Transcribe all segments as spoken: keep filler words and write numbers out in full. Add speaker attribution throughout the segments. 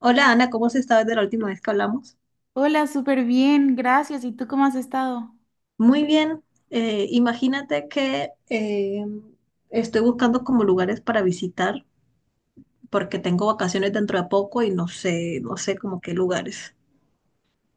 Speaker 1: Hola Ana, ¿cómo has estado desde la última vez que hablamos?
Speaker 2: Hola, súper bien, gracias. ¿Y tú cómo has estado?
Speaker 1: Muy bien. Eh, imagínate que eh, estoy buscando como lugares para visitar porque tengo vacaciones dentro de poco y no sé, no sé como qué lugares.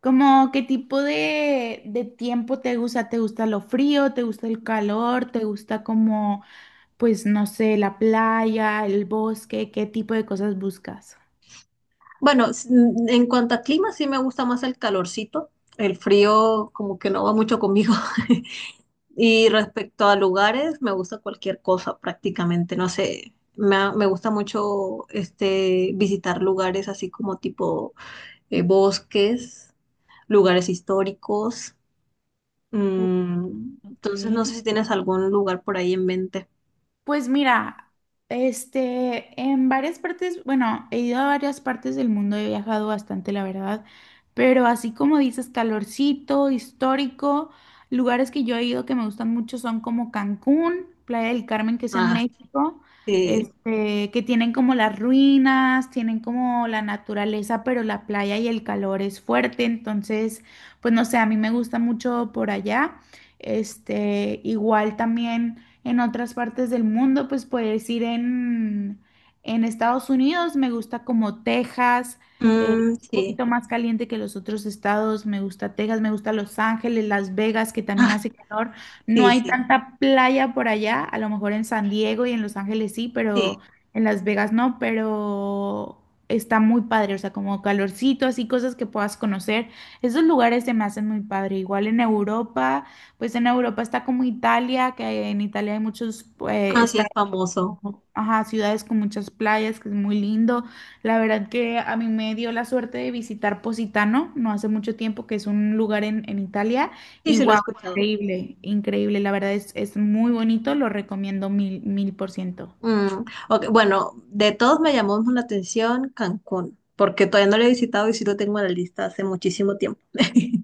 Speaker 2: ¿Cómo qué tipo de, de tiempo te gusta? ¿Te gusta lo frío? ¿Te gusta el calor? ¿Te gusta como, pues, no sé, la playa, el bosque? ¿Qué tipo de cosas buscas?
Speaker 1: Bueno, s- mm, en cuanto a clima, sí me gusta más el calorcito. El frío como que no va mucho conmigo. Y respecto a lugares, me gusta cualquier cosa prácticamente. No sé, me, ha- me gusta mucho este, visitar lugares así como tipo eh, bosques. Lugares históricos.
Speaker 2: Oh,
Speaker 1: Mm,
Speaker 2: ok.
Speaker 1: entonces, no sé si tienes algún lugar por ahí en mente.
Speaker 2: Pues mira, este, en varias partes, bueno, he ido a varias partes del mundo, he viajado bastante, la verdad, pero así como dices, calorcito, histórico, lugares que yo he ido que me gustan mucho son como Cancún, Playa del Carmen, que es en
Speaker 1: Ah,
Speaker 2: México,
Speaker 1: sí.
Speaker 2: este, que tienen como las ruinas, tienen como la naturaleza, pero la playa y el calor es fuerte, entonces, pues no sé, a mí me gusta mucho por allá, este, igual también en otras partes del mundo, pues puedes ir en, en Estados Unidos, me gusta como Texas, eh,
Speaker 1: Mm,
Speaker 2: un
Speaker 1: sí.
Speaker 2: poquito más caliente que los otros estados, me gusta Texas, me gusta Los Ángeles, Las Vegas, que también
Speaker 1: Ah,
Speaker 2: hace calor, no
Speaker 1: sí,
Speaker 2: hay
Speaker 1: sí,
Speaker 2: tanta playa por allá, a lo mejor en San Diego y en Los Ángeles sí,
Speaker 1: sí.
Speaker 2: pero en Las Vegas no, pero... Está muy padre, o sea, como calorcito, así cosas que puedas conocer. Esos lugares se me hacen muy padre. Igual en Europa, pues en Europa está como Italia, que en Italia hay muchos pues,
Speaker 1: Ah, sí, es
Speaker 2: estados,
Speaker 1: famoso.
Speaker 2: como- ajá, ciudades con muchas playas, que es muy lindo. La verdad que a mí me dio la suerte de visitar Positano no hace mucho tiempo, que es un lugar en, en Italia,
Speaker 1: Sí,
Speaker 2: y
Speaker 1: sí, lo he
Speaker 2: wow,
Speaker 1: escuchado.
Speaker 2: increíble, increíble. La verdad es, es muy bonito, lo recomiendo mil, mil por ciento.
Speaker 1: Mm, ok. Bueno, de todos me llamó la atención Cancún, porque todavía no lo he visitado y sí lo tengo en la lista hace muchísimo tiempo.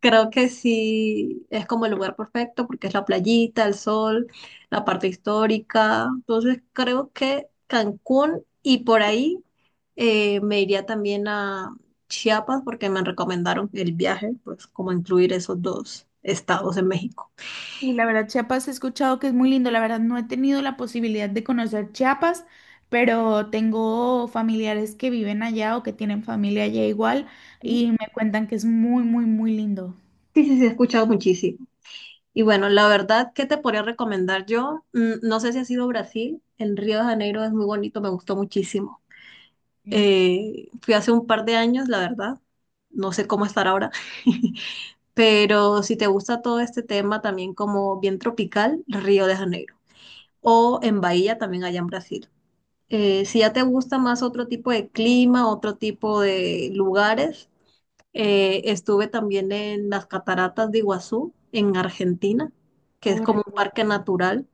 Speaker 1: Creo que sí es como el lugar perfecto porque es la playita, el sol, la parte histórica. Entonces creo que Cancún y por ahí eh, me iría también a Chiapas porque me recomendaron el viaje, pues como incluir esos dos estados en México.
Speaker 2: Y la verdad, Chiapas he escuchado que es muy lindo. La verdad, no he tenido la posibilidad de conocer Chiapas, pero tengo familiares que viven allá o que tienen familia allá igual
Speaker 1: Sí,
Speaker 2: y me cuentan que es muy, muy, muy lindo.
Speaker 1: sí, sí, he escuchado muchísimo. Y bueno, la verdad, ¿qué te podría recomendar yo? Mm. No sé si has ido a Brasil, en Río de Janeiro es muy bonito, me gustó muchísimo.
Speaker 2: Sí.
Speaker 1: Eh, fui hace un par de años, la verdad, no sé cómo estar ahora, pero si te gusta todo este tema también como bien tropical, Río de Janeiro. O en Bahía también allá en Brasil. Eh, si ya te gusta más otro tipo de clima, otro tipo de lugares, eh, estuve también en las cataratas de Iguazú, en Argentina, que es como
Speaker 2: Órale.
Speaker 1: un parque natural,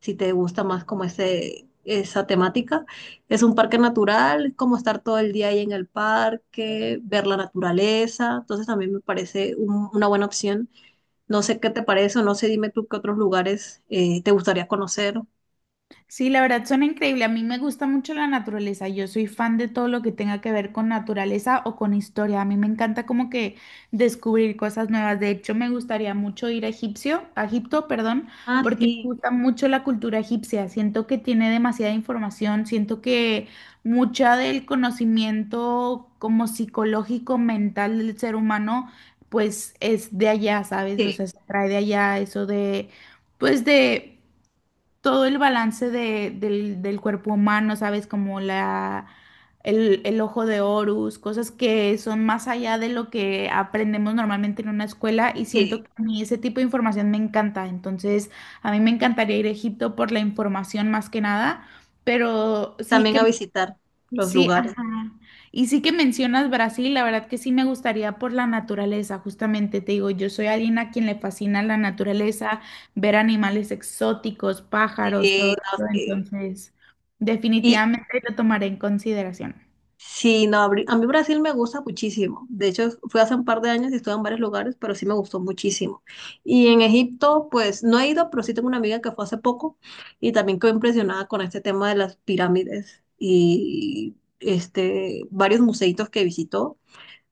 Speaker 1: si te gusta más como ese, esa temática. Es un parque natural, es como estar todo el día ahí en el parque, ver la naturaleza. Entonces también me parece un- una buena opción. No sé qué te parece o no sé, dime tú qué otros lugares eh, te gustaría conocer.
Speaker 2: Sí, la verdad suena increíble. A mí me gusta mucho la naturaleza. Yo soy fan de todo lo que tenga que ver con naturaleza o con historia. A mí me encanta como que descubrir cosas nuevas. De hecho, me gustaría mucho ir a Egipcio, a Egipto, perdón,
Speaker 1: Ah,
Speaker 2: porque me
Speaker 1: sí,
Speaker 2: gusta mucho la cultura egipcia. Siento que tiene demasiada información. Siento que mucha del conocimiento como psicológico, mental del ser humano, pues es de allá, ¿sabes? O
Speaker 1: sí,
Speaker 2: sea, se trae de allá eso de, pues de todo el balance de- del, del cuerpo humano, ¿sabes? Como la, el, el ojo de Horus, cosas que son más allá de lo que aprendemos normalmente en una escuela y
Speaker 1: sí.
Speaker 2: siento que a mí ese tipo de información me encanta. Entonces, a mí me encantaría ir a Egipto por la información más que nada, pero sí
Speaker 1: También a
Speaker 2: que
Speaker 1: visitar los
Speaker 2: sí,
Speaker 1: lugares.
Speaker 2: ajá. Y sí que mencionas Brasil, la verdad que sí me gustaría por la naturaleza, justamente te digo, yo soy alguien a quien le fascina la
Speaker 1: Mm.
Speaker 2: naturaleza, ver animales exóticos, pájaros,
Speaker 1: Sí,
Speaker 2: todo
Speaker 1: no,
Speaker 2: eso,
Speaker 1: sí.
Speaker 2: entonces
Speaker 1: Y,
Speaker 2: definitivamente lo tomaré en consideración.
Speaker 1: sí, no, abri- a mí Brasil me gusta muchísimo. De hecho, fui hace un par de años y estuve en varios lugares, pero sí me gustó muchísimo. Y en Egipto, pues no he ido, pero sí tengo una amiga que fue hace poco y también quedó impresionada con este tema de las pirámides y este, varios museitos que visitó,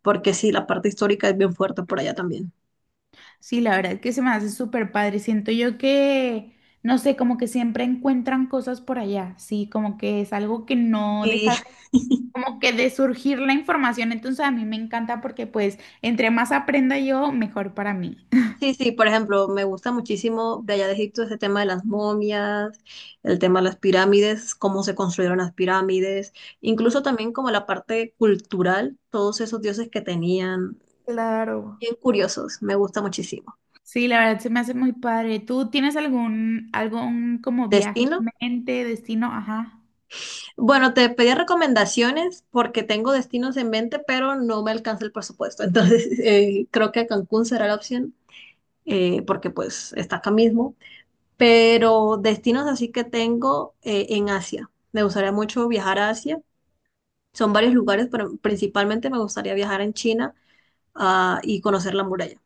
Speaker 1: porque sí, la parte histórica es bien fuerte por allá también.
Speaker 2: Sí, la verdad que se me hace súper padre, siento yo que, no sé, como que siempre encuentran cosas por allá, sí, como que es algo que no deja como que de surgir la información, entonces a mí me encanta porque pues entre más aprenda yo, mejor para mí.
Speaker 1: Sí, sí, por ejemplo, me gusta muchísimo de allá de Egipto ese tema de las momias, el tema de las pirámides, cómo se construyeron las pirámides,
Speaker 2: Claro.
Speaker 1: incluso también como la parte cultural, todos esos dioses que tenían,
Speaker 2: Claro.
Speaker 1: bien curiosos, me gusta muchísimo.
Speaker 2: Sí, la verdad se me hace muy padre. ¿Tú tienes algún, algún como viaje
Speaker 1: ¿Destino?
Speaker 2: en mente, destino? Ajá.
Speaker 1: Bueno, te pedí recomendaciones porque tengo destinos en mente, pero no me alcanza el presupuesto, entonces eh, creo que Cancún será la opción, eh, porque pues está acá mismo. Pero destinos así que tengo eh, en Asia. Me gustaría mucho viajar a Asia. Son varios lugares, pero principalmente me gustaría viajar en China, ah, y conocer la muralla.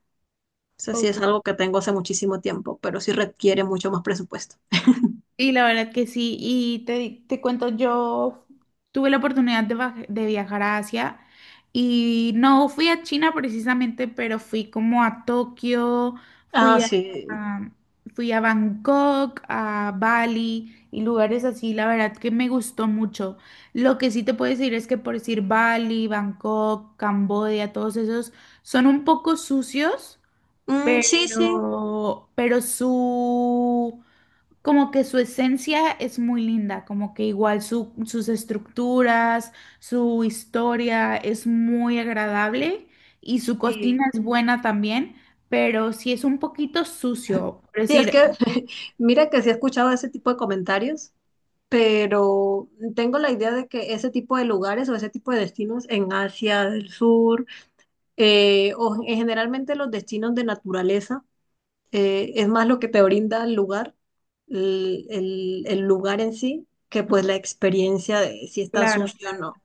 Speaker 1: Eso sí es algo
Speaker 2: Ok.
Speaker 1: que tengo hace muchísimo tiempo, pero sí requiere mucho más presupuesto.
Speaker 2: Y la verdad que sí, y te, te cuento, yo tuve la oportunidad de, baj- de viajar a Asia y no fui a China precisamente, pero fui como a Tokio,
Speaker 1: Ah,
Speaker 2: fui a,
Speaker 1: sí.
Speaker 2: a- fui a Bangkok, a Bali y lugares así, la verdad que me gustó mucho. Lo que sí te puedo decir es que por decir Bali, Bangkok, Camboya, todos esos son un poco sucios,
Speaker 1: Mm, sí, sí.
Speaker 2: pero, pero su... Como que su esencia es muy linda, como que igual su- sus estructuras, su historia es muy agradable y su
Speaker 1: Sí,
Speaker 2: cocina es buena también, pero sí es un poquito sucio. Por
Speaker 1: sí, es
Speaker 2: decir,
Speaker 1: que mira que sí he escuchado ese tipo de comentarios, pero tengo la idea de que ese tipo de lugares o ese tipo de destinos en Asia del Sur, eh, o en- generalmente los destinos de naturaleza, eh, es más lo que te brinda el lugar, el, el- el lugar en sí, que pues la experiencia de si está
Speaker 2: claro,
Speaker 1: sucio o
Speaker 2: claro.
Speaker 1: no.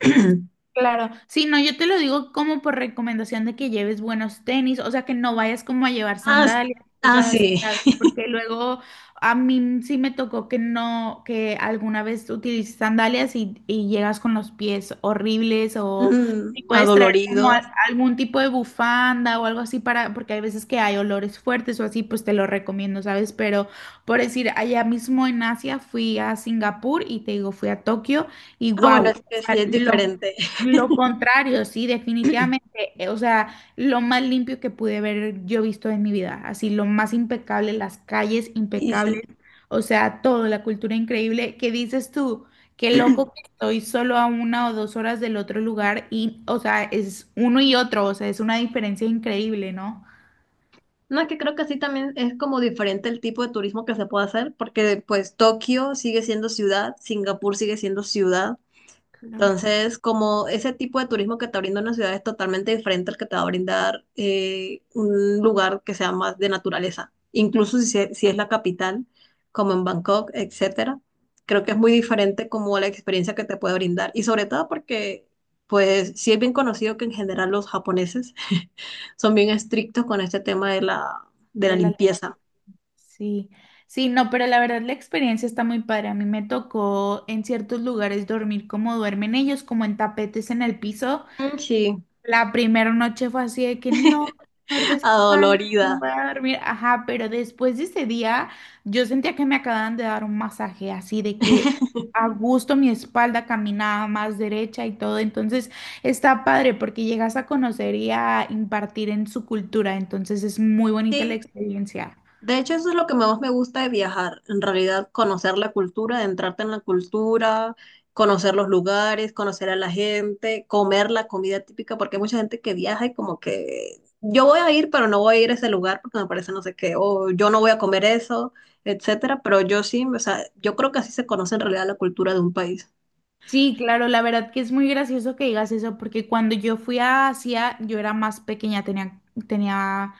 Speaker 2: Claro, sí, no, yo te lo digo como por recomendación de que lleves buenos tenis, o sea, que no vayas como a llevar
Speaker 1: Ah, s-
Speaker 2: sandalias,
Speaker 1: ah,
Speaker 2: cosas así,
Speaker 1: sí,
Speaker 2: ¿sabes? Porque luego a mí sí me tocó que no, que alguna vez utilices sandalias y, y llegas con los pies horribles o
Speaker 1: Mm,
Speaker 2: y puedes traer como
Speaker 1: adoloridos.
Speaker 2: a- algún tipo de bufanda o algo así para, porque hay veces que hay olores fuertes o así, pues te lo recomiendo, ¿sabes? Pero por decir, allá mismo en Asia fui a Singapur y te digo, fui a Tokio y
Speaker 1: Ah, bueno,
Speaker 2: wow.
Speaker 1: es que sí
Speaker 2: Sea,
Speaker 1: es
Speaker 2: lo
Speaker 1: diferente.
Speaker 2: lo contrario, sí, definitivamente. eh, O sea, lo más limpio que pude ver yo visto en mi vida. Así, lo más impecable, las calles
Speaker 1: Y
Speaker 2: impecables.
Speaker 1: sí.
Speaker 2: O sea, todo, la cultura increíble. ¿Qué dices tú? Qué loco que estoy solo a una o dos horas del otro lugar y, o sea, es uno y otro. O sea, es una diferencia increíble, ¿no?
Speaker 1: No, es que creo que sí también es como diferente el tipo de turismo que se puede hacer, porque pues Tokio sigue siendo ciudad, Singapur sigue siendo ciudad.
Speaker 2: Claro,
Speaker 1: Entonces, como ese tipo de turismo que te brinda una ciudad es totalmente diferente al que te va a brindar eh, un lugar que sea más de naturaleza, incluso si, se- si es la capital, como en Bangkok, etcétera. Creo que es muy diferente como la experiencia que te puede brindar y sobre todo porque, pues, sí es bien conocido que en general los japoneses son bien estrictos con este tema de la, de la
Speaker 2: de la...
Speaker 1: limpieza.
Speaker 2: Sí, sí, no, pero la verdad la experiencia está muy padre. A mí me tocó en ciertos lugares dormir como duermen ellos, como en tapetes en el piso.
Speaker 1: Mm, sí,
Speaker 2: La primera noche fue así de que no, dolor de espalda, no
Speaker 1: adolorida.
Speaker 2: voy a dormir. Ajá, pero después de ese día yo sentía que me acababan de dar un masaje, así de que a gusto mi espalda caminaba más derecha y todo. Entonces está padre porque llegas a conocer y a impartir en su cultura. Entonces es muy bonita la
Speaker 1: Sí,
Speaker 2: experiencia.
Speaker 1: de hecho, eso es lo que más me gusta de viajar, en realidad conocer la cultura, adentrarte en la cultura, conocer los lugares, conocer a la gente, comer la comida típica, porque hay mucha gente que viaja y como que yo voy a ir, pero no voy a ir a ese lugar porque me parece no sé qué, o yo no voy a comer eso, etcétera, pero yo sí, o sea, yo creo que así se conoce en realidad la cultura de un país.
Speaker 2: Sí, claro, la verdad que es muy gracioso que digas eso porque cuando yo fui a Asia yo era más pequeña, tenía, tenía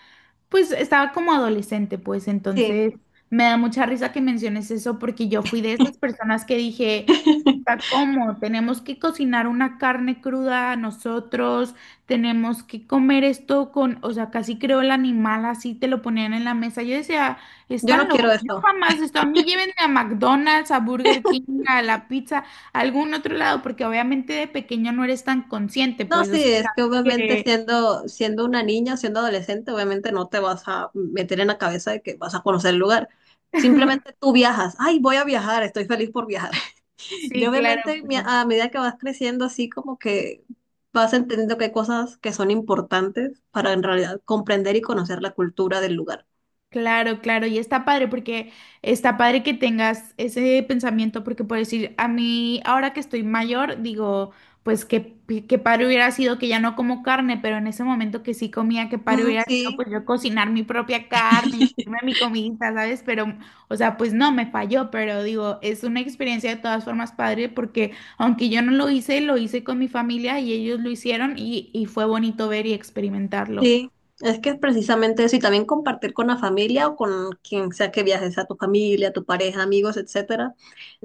Speaker 2: pues estaba como adolescente, pues
Speaker 1: Sí.
Speaker 2: entonces me da mucha risa que menciones eso porque yo fui de esas personas que dije, "Puta, ¿cómo? Tenemos que cocinar una carne cruda nosotros, tenemos que comer esto con, o sea, casi creo el animal así te lo ponían en la mesa. Yo decía,
Speaker 1: Yo no
Speaker 2: están
Speaker 1: quiero
Speaker 2: locos, yo
Speaker 1: eso.
Speaker 2: jamás esto, a mí llévenme a McDonald's, a Burger King, a la pizza, a algún otro lado, porque obviamente de pequeño no eres tan consciente,
Speaker 1: No,
Speaker 2: pues, o
Speaker 1: sí,
Speaker 2: sea,
Speaker 1: es que
Speaker 2: sabes
Speaker 1: obviamente
Speaker 2: que
Speaker 1: siendo, siendo una niña siendo adolescente, obviamente no te vas a meter en la cabeza de que vas a conocer el lugar. Simplemente tú viajas. Ay, voy a viajar, estoy feliz por viajar. Y
Speaker 2: sí, claro,
Speaker 1: obviamente mi-
Speaker 2: pero...
Speaker 1: a medida que vas creciendo, así como que vas entendiendo que hay cosas que son importantes para en realidad comprender y conocer la cultura del lugar.
Speaker 2: Claro, claro, y está padre porque está padre que tengas ese pensamiento porque por decir, a mí ahora que estoy mayor, digo, pues que, que padre hubiera sido que ya no como carne, pero en ese momento que sí comía, que padre
Speaker 1: Mm,
Speaker 2: hubiera sido
Speaker 1: sí.
Speaker 2: pues yo cocinar mi propia carne y hacerme mi comida, ¿sabes? Pero, o sea, pues no, me falló, pero digo, es una experiencia de todas formas padre porque aunque yo no lo hice, lo hice con mi familia y ellos lo hicieron y, y fue bonito ver y experimentarlo.
Speaker 1: Sí, es que es precisamente eso, y también compartir con la familia o con quien sea que viajes, a tu familia, tu pareja, amigos, etcétera.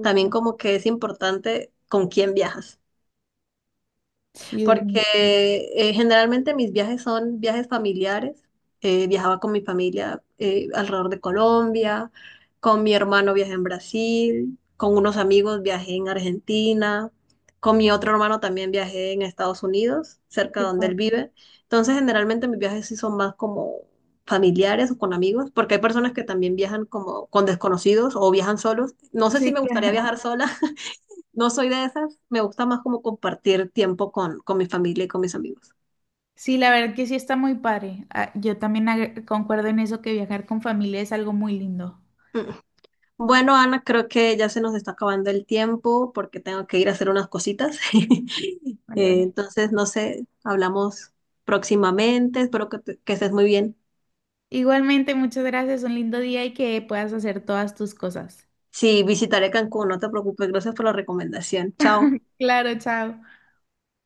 Speaker 1: También como que es importante con quién viajas
Speaker 2: Sí,
Speaker 1: porque
Speaker 2: definitivamente.
Speaker 1: eh, generalmente mis viajes son viajes familiares. Eh, viajaba con mi familia eh, alrededor de Colombia, con mi hermano viajé en Brasil, con unos amigos viajé en Argentina, con mi otro hermano también viajé en Estados Unidos, cerca de
Speaker 2: Qué
Speaker 1: donde él
Speaker 2: padre.
Speaker 1: vive. Entonces, generalmente mis viajes sí son más como familiares o con amigos, porque hay personas que también viajan como con desconocidos o viajan solos. No sé si
Speaker 2: Sí,
Speaker 1: me gustaría
Speaker 2: claro.
Speaker 1: viajar sola, no soy de esas, me gusta más como compartir tiempo con, con mi familia y con mis amigos.
Speaker 2: Sí, la verdad que sí está muy padre. Ah, yo también ag- concuerdo en eso que viajar con familia es algo muy lindo.
Speaker 1: Mm. Bueno, Ana, creo que ya se nos está acabando el tiempo porque tengo que ir a hacer unas cositas.
Speaker 2: Vale,
Speaker 1: Eh,
Speaker 2: vale.
Speaker 1: entonces, no sé, hablamos próximamente, espero que, te- que estés muy bien.
Speaker 2: Igualmente, muchas gracias. Un lindo día y que puedas hacer todas tus cosas.
Speaker 1: Sí, visitaré Cancún, no te preocupes, gracias por la recomendación. Chao.
Speaker 2: Claro, chao.